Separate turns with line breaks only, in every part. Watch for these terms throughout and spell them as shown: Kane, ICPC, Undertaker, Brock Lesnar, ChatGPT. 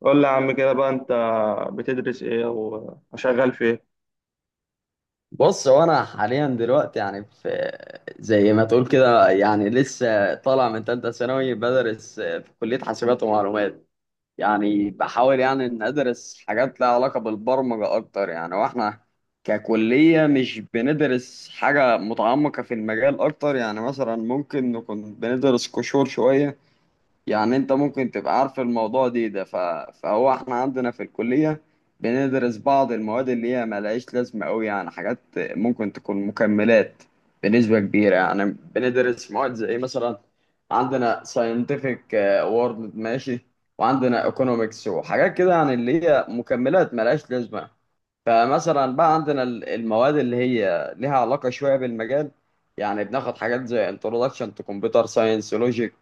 قول لي يا عم كده بقى انت بتدرس ايه او شغال في ايه؟
بص، هو انا حاليا دلوقتي يعني في زي ما تقول كده يعني لسه طالع من تالتة ثانوي، بدرس في كلية حاسبات ومعلومات. يعني بحاول يعني ان ادرس حاجات لها علاقة بالبرمجة اكتر. يعني واحنا ككلية مش بندرس حاجة متعمقة في المجال اكتر. يعني مثلا ممكن نكون بندرس قشور شوية. يعني انت ممكن تبقى عارف الموضوع فهو احنا عندنا في الكلية بندرس بعض المواد اللي هي ملهاش لازمة قوي. يعني حاجات ممكن تكون مكملات بنسبة كبيرة يعني. بندرس مواد زي مثلا عندنا scientific world، ماشي، وعندنا economics وحاجات كده، يعني اللي هي مكملات ملهاش لازمة. فمثلا بقى عندنا المواد اللي هي ليها علاقة شوية بالمجال. يعني بناخد حاجات زي introduction to computer science logic،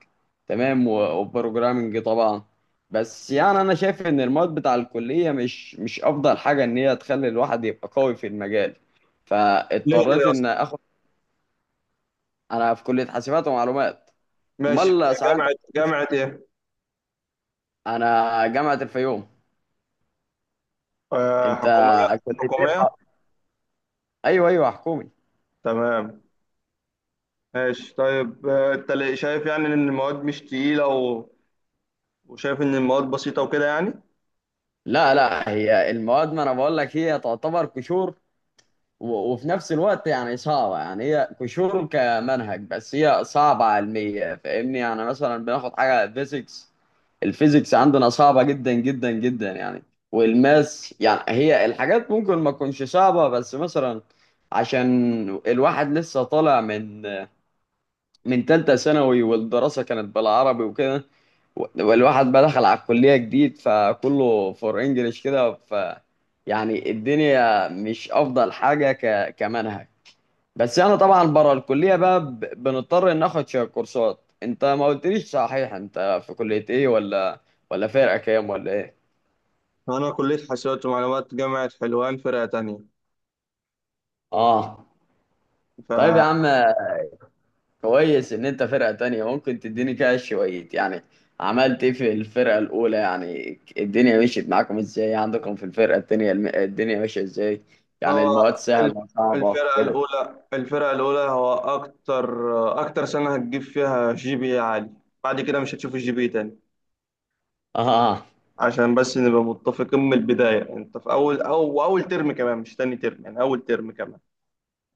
تمام، و- وprogramming طبعا. بس يعني انا شايف ان المواد بتاع الكلية مش افضل حاجة ان هي تخلي الواحد يبقى قوي في المجال.
ليه
فاضطريت
ليه
ان
اصلا؟
اخد. انا في كلية حاسبات ومعلومات.
ماشي في
امال ساعات انت.
جامعه. جامعه ايه؟
انا جامعة الفيوم.
آه،
انت
حكوميه.
كلية ايه
حكوميه.
بقى؟ ايوه ايوه، حكومي.
تمام ماشي. طيب انت ليه شايف يعني ان المواد مش تقيلة وشايف ان المواد بسيطة وكده يعني؟
لا لا، هي المواد ما انا بقول لك هي تعتبر قشور، و- وفي نفس الوقت يعني صعبة. يعني هي قشور كمنهج، بس هي صعبة علمية، فاهمني؟ يعني مثلا بناخد حاجة فيزيكس. الفيزيكس عندنا صعبة جدا جدا جدا يعني. والماس يعني، هي الحاجات ممكن ما تكونش صعبة، بس مثلا عشان الواحد لسه طالع من تالتة ثانوي، والدراسة كانت بالعربي وكده، والواحد بقى دخل على الكلية جديد، فكله فور انجلش كده. ف يعني الدنيا مش أفضل حاجة كمنهج. بس أنا طبعا بره الكلية بقى بنضطر ناخد شوية كورسات. أنت ما قلتليش صحيح، أنت في كلية إيه، ولا فرقة كام، ولا إيه؟
انا كليه حاسبات ومعلومات جامعه حلوان فرقه تانية.
آه. طيب يا عم،
فهو
كويس ان انت فرقة تانية، ممكن تديني كده شوية يعني. عملت ايه في الفرقة الاولى؟ يعني الدنيا مشيت معاكم ازاي؟ عندكم في الفرقة التانية الدنيا ماشية ازاي؟ يعني المواد
ال-
سهلة، صعبة
الفرقه
كده.
الاولى، الفرقه الاولى هو اكتر اكتر سنه هتجيب فيها جي بي إيه عالي. بعد كده مش هتشوف الجي بي إيه تاني.
اه.
عشان بس نبقى متفقين من البداية، انت في اول او اول ترم كمان، مش تاني ترم، يعني اول ترم كمان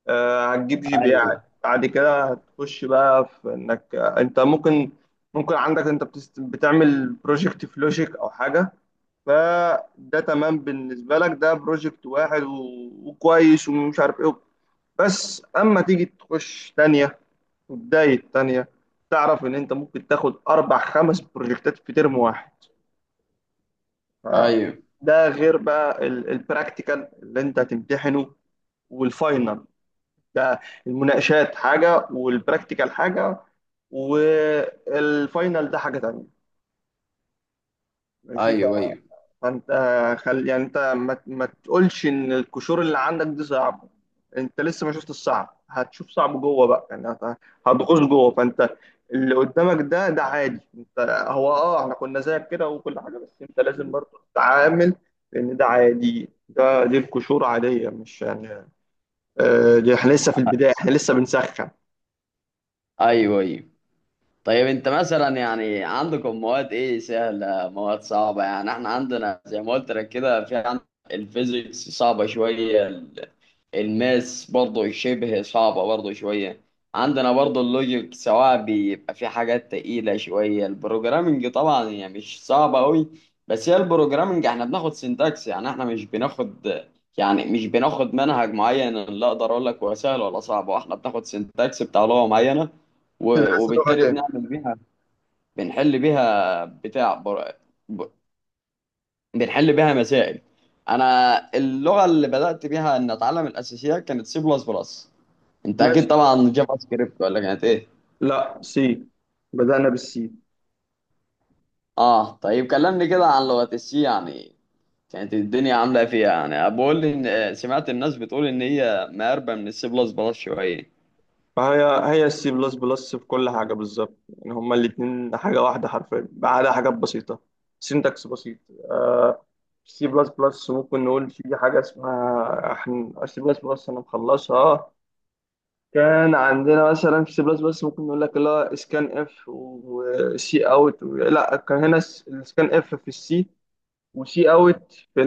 آه هتجيب جي بي اي عالي.
ايوه
بعد كده هتخش بقى في انك انت ممكن، ممكن عندك انت بتعمل بروجكت في لوجيك او حاجة، فده تمام بالنسبة لك، ده بروجكت واحد وكويس ومش عارف ايه. بس اما تيجي تخش تانية وبداية تانية، تعرف ان انت ممكن تاخد اربع خمس بروجكتات في ترم واحد.
ايوه.
ده غير بقى البراكتيكال اللي انت هتمتحنه والفاينل ده. المناقشات حاجة، والبراكتيكال حاجة، والفاينل ده حاجة تانية. ماشي.
ايوه ايوه.
فانت خل يعني انت ما تقولش ان القشور اللي عندك دي صعبه. انت لسه ما شفت الصعب، هتشوف صعب جوه بقى، يعني هتغوص جوه. فانت اللي قدامك ده ده عادي. انت هو اه احنا كنا زيك كده وكل حاجه، بس انت لازم برضه تتعامل، لان ده عادي، ده دي القشور عاديه مش يعني. آه دي احنا لسه في البدايه، احنا لسه بنسخن.
ايوه ايوه. طيب انت مثلا يعني عندكم مواد ايه سهلة، مواد صعبة؟ يعني احنا عندنا زي ما قلت لك كده، في عندنا الفيزيكس صعبة شوية، الماس برضه شبه صعبة برضه شوية، عندنا برضه اللوجيك سواء بيبقى في حاجات تقيلة شوية. البروجرامنج طبعا هي مش صعبة أوي، بس هي البروجرامنج احنا بناخد سينتاكس. يعني احنا مش بناخد، يعني مش بناخد منهج معين اللي اقدر اقول لك هو سهل ولا صعب. هو احنا بناخد سينتاكس بتاع لغة معينة، و-
بتدرس لغه
وبالتالي
ايه؟
بنعمل بيها، بنحل بيها ب- بنحل بيها مسائل. انا اللغة اللي بدأت بيها ان اتعلم الاساسيات كانت سي بلس بلس. انت اكيد
ماشي.
طبعا جافا سكريبت، ولا كانت ايه؟
لا سي، بدأنا بالسي.
اه. طيب كلمني كده عن لغة السي يعني، كانت الدنيا عاملة ايه فيها؟ يعني بقول لي ان آه، سمعت الناس بتقول ان هي مقربة من السي بلس بلس شوية.
فهي، هي السي بلس بلس في كل حاجة بالظبط، يعني هما الاتنين حاجة واحدة حرفيا ما عدا حاجات بسيطة، سينتاكس بسيط. آه، سي بلس بلس ممكن نقول في حاجة اسمها احنا سي بلس بلس أنا مخلصها. كان عندنا مثلا في سي بلس بلس ممكن نقول لك اللي هو اسكان اف وسي اوت، لا كان هنا السكان اف في السي وسي اوت في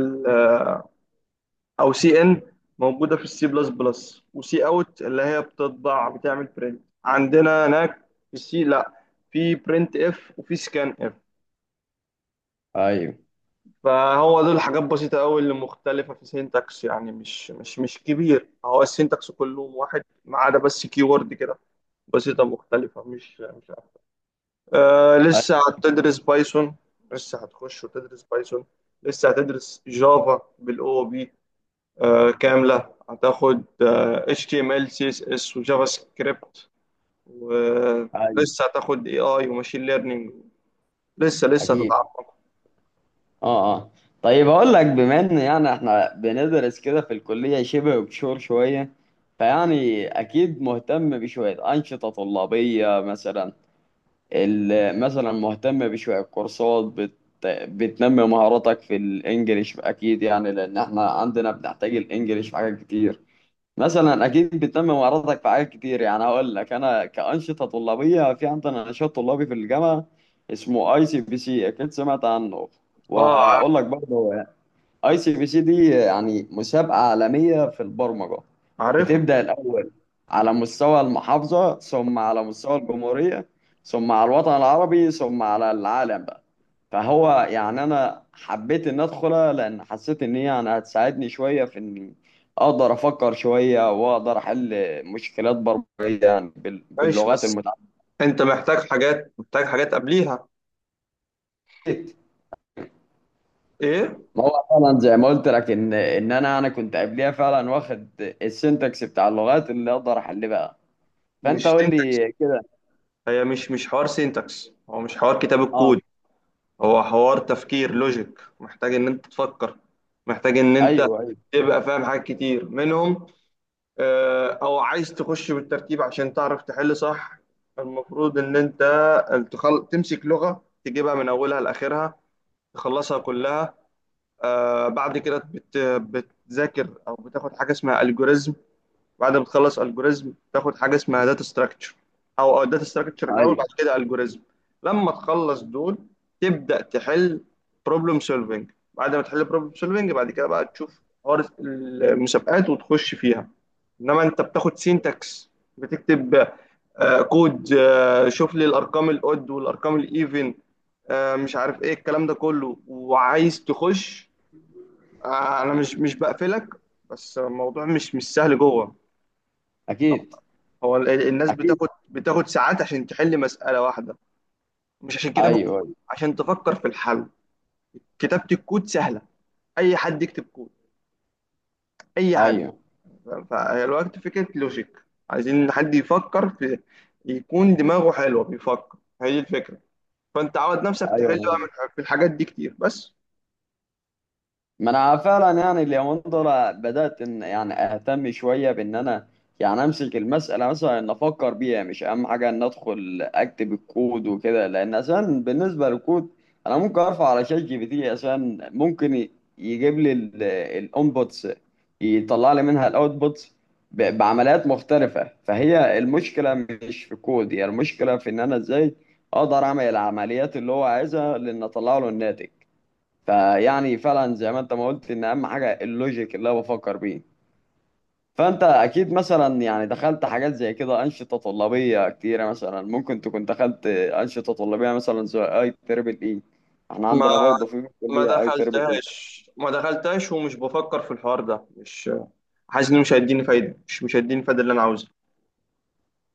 او سي ان موجوده في السي بلس بلس، وسي اوت اللي هي بتطبع، بتعمل برنت عندنا هناك. في السي لا، في برنت اف وفي سكان اف.
ايوه
فهو دول حاجات بسيطه قوي اللي مختلفه في سينتاكس، يعني مش كبير، هو السينتاكس كله واحد ما عدا بس كي وورد كده، بسيطه مختلفه، مش عارف. آه
ايوه.
لسه هتدرس بايثون. لسه هتخش وتدرس بايثون، لسه هتدرس جافا بالاو بي، كاملة هتاخد HTML CSS وجافا سكريبت،
ايوه.
ولسه هتاخد AI وماشين ليرنينج. لسه لسه
اكيد.
هتتعمق.
اه اه. طيب اقول لك، بما ان يعني احنا بندرس كده في الكلية شبه بشور شوية، فيعني اكيد مهتم بشوية انشطة طلابية مثلا، اللي مثلا مهتم بشوية كورسات بتنمي مهاراتك في الانجليش. اكيد يعني لان احنا عندنا بنحتاج الانجليش في حاجات كتير. مثلا اكيد بتنمي مهاراتك في حاجات كتير. يعني هقول لك انا كأنشطة طلابية، في عندنا نشاط طلابي في الجامعة اسمه اي سي بي سي، اكيد سمعت عنه.
اه عارف.
وهقول لك برضه اي سي بي سي دي يعني مسابقة عالمية في البرمجة،
عارفها.
بتبدأ الأول على مستوى المحافظة، ثم على مستوى الجمهورية، ثم على الوطن العربي، ثم على العالم بقى. فهو يعني أنا حبيت إن أدخلها لأن حسيت إن هي يعني هتساعدني شوية في إني أقدر أفكر شوية، وأقدر أحل مشكلات برمجية يعني
ماشي
باللغات
بس
المتعددة.
انت محتاج حاجات، محتاج حاجات قبليها. ايه؟
ما هو فعلا زي ما قلت لك إن أنا كنت قبليها فعلا واخد السنتكس بتاع اللغات، اللي أقدر أحل بقى. فأنت
مش
قول
سينتاكس.
لي كده.
هي مش حوار سينتاكس، هو مش حوار كتاب
أه.
الكود، هو حوار تفكير لوجيك. محتاج ان انت تفكر، محتاج ان انت
أيوه أيوه.
تبقى فاهم حاجات كتير منهم. او عايز تخش بالترتيب عشان تعرف تحل صح. المفروض ان انت تمسك لغة تجيبها من اولها لاخرها، تخلصها كلها. آه بعد كده بتذاكر او بتاخد حاجة اسمها الجوريزم. بعد ما تخلص الجوريزم تاخد حاجه اسمها داتا ستراكشر، او داتا ستراكشر الاول بعد
أيوه.
كده الجوريزم. لما تخلص دول، تبدا تحل بروبلم سولفنج. بعد ما تحل بروبلم سولفنج بعد كده بقى تشوف حوار المسابقات وتخش فيها. انما انت بتاخد سينتاكس، بتكتب كود، شوف لي الارقام الاود والارقام الايفن، مش عارف ايه الكلام ده كله وعايز تخش. انا مش بقفلك، بس الموضوع مش سهل جوه.
اكيد
هو الناس
اكيد.
بتاخد ساعات عشان تحل مسألة واحدة، مش عشان كتاب
ايوه
الكود، عشان تفكر في الحل. كتابة الكود سهلة، أي حد يكتب كود، أي حد.
ايوه.
فالوقت فكرة لوجيك، عايزين حد يفكر، في يكون دماغه حلوة بيفكر، هي دي الفكرة. فأنت عود نفسك تحل
ايوه.
بقى في الحاجات دي كتير. بس
ما انا فعلا يعني اليومين دول بدات ان يعني اهتم شويه بان انا يعني امسك المساله، مثلا ان افكر بيها، مش اهم حاجه ان ادخل اكتب الكود وكده. لان اساسا بالنسبه للكود انا ممكن ارفع على شات جي بي تي، اساسا ممكن يجيب لي الانبوتس، يطلع لي منها الاوتبوتس بعمليات مختلفه. فهي المشكله مش في الكود، هي المشكله في ان انا ازاي اقدر اعمل العمليات اللي هو عايزها لان اطلع له الناتج. فيعني فعلا زي ما انت ما قلت ان اهم حاجه اللوجيك اللي انا بفكر بيه. فانت اكيد مثلا يعني دخلت حاجات زي كده انشطه طلابيه كتيره. مثلا ممكن تكون دخلت انشطه طلابيه مثلا زي اي تربل اي، احنا
ما
عندنا برضه في
ما
كليه اي تربل
دخلتهاش
اي.
ما دخلتهاش ومش بفكر في الحوار ده، مش حاسس إنه مش هيديني فايدة، مش هيديني الفايدة اللي أنا عاوزها.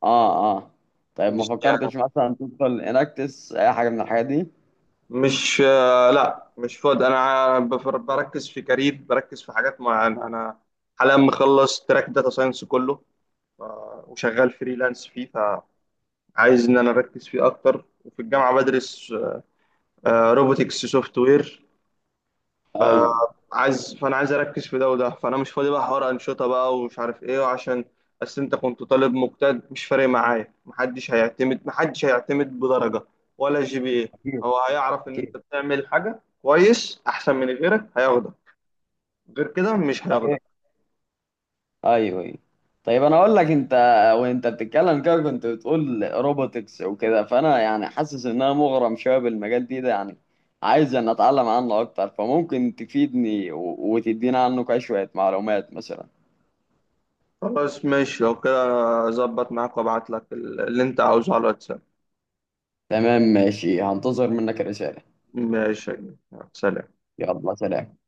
اه اه. طيب ما
مش يعني،
فكرتش مثلا تدخل اناكتس اي حاجه من الحاجات دي؟
مش آه، لا مش فاضي. انا بركز في كارير، بركز في حاجات معينه. انا حاليا مخلص تراك داتا ساينس كله، وشغال فريلانس فيه، فعايز ان انا اركز فيه اكتر. وفي الجامعه بدرس روبوتكس سوفت وير،
ايوه.
عايز، فانا عايز اركز في ده وده، فانا مش فاضي بقى حوار انشطه بقى ومش عارف ايه عشان. بس انت كنت طالب مجتهد مش فارق معايا، محدش هيعتمد، محدش هيعتمد بدرجه ولا جي بي ايه.
أكيد
هو هيعرف ان انت
أكيد.
بتعمل حاجه كويس احسن من غيرك هياخدك، غير كده مش هياخدك.
طيب. ايوه ايوه. طيب انا اقول لك، انت وانت بتتكلم كده كنت بتقول روبوتكس وكده، فانا يعني حاسس ان انا مغرم شويه بالمجال ده يعني. عايز ان اتعلم عنه اكتر، فممكن تفيدني و- وتدينا عنه كده شويه معلومات مثلا.
خلاص ماشي لو كده، اظبط معاك وابعت لك اللي انت عاوزه على الواتساب.
تمام ماشي، هنتظر منك رساله.
ماشي يا جماعة. سلام.
يلا سلام.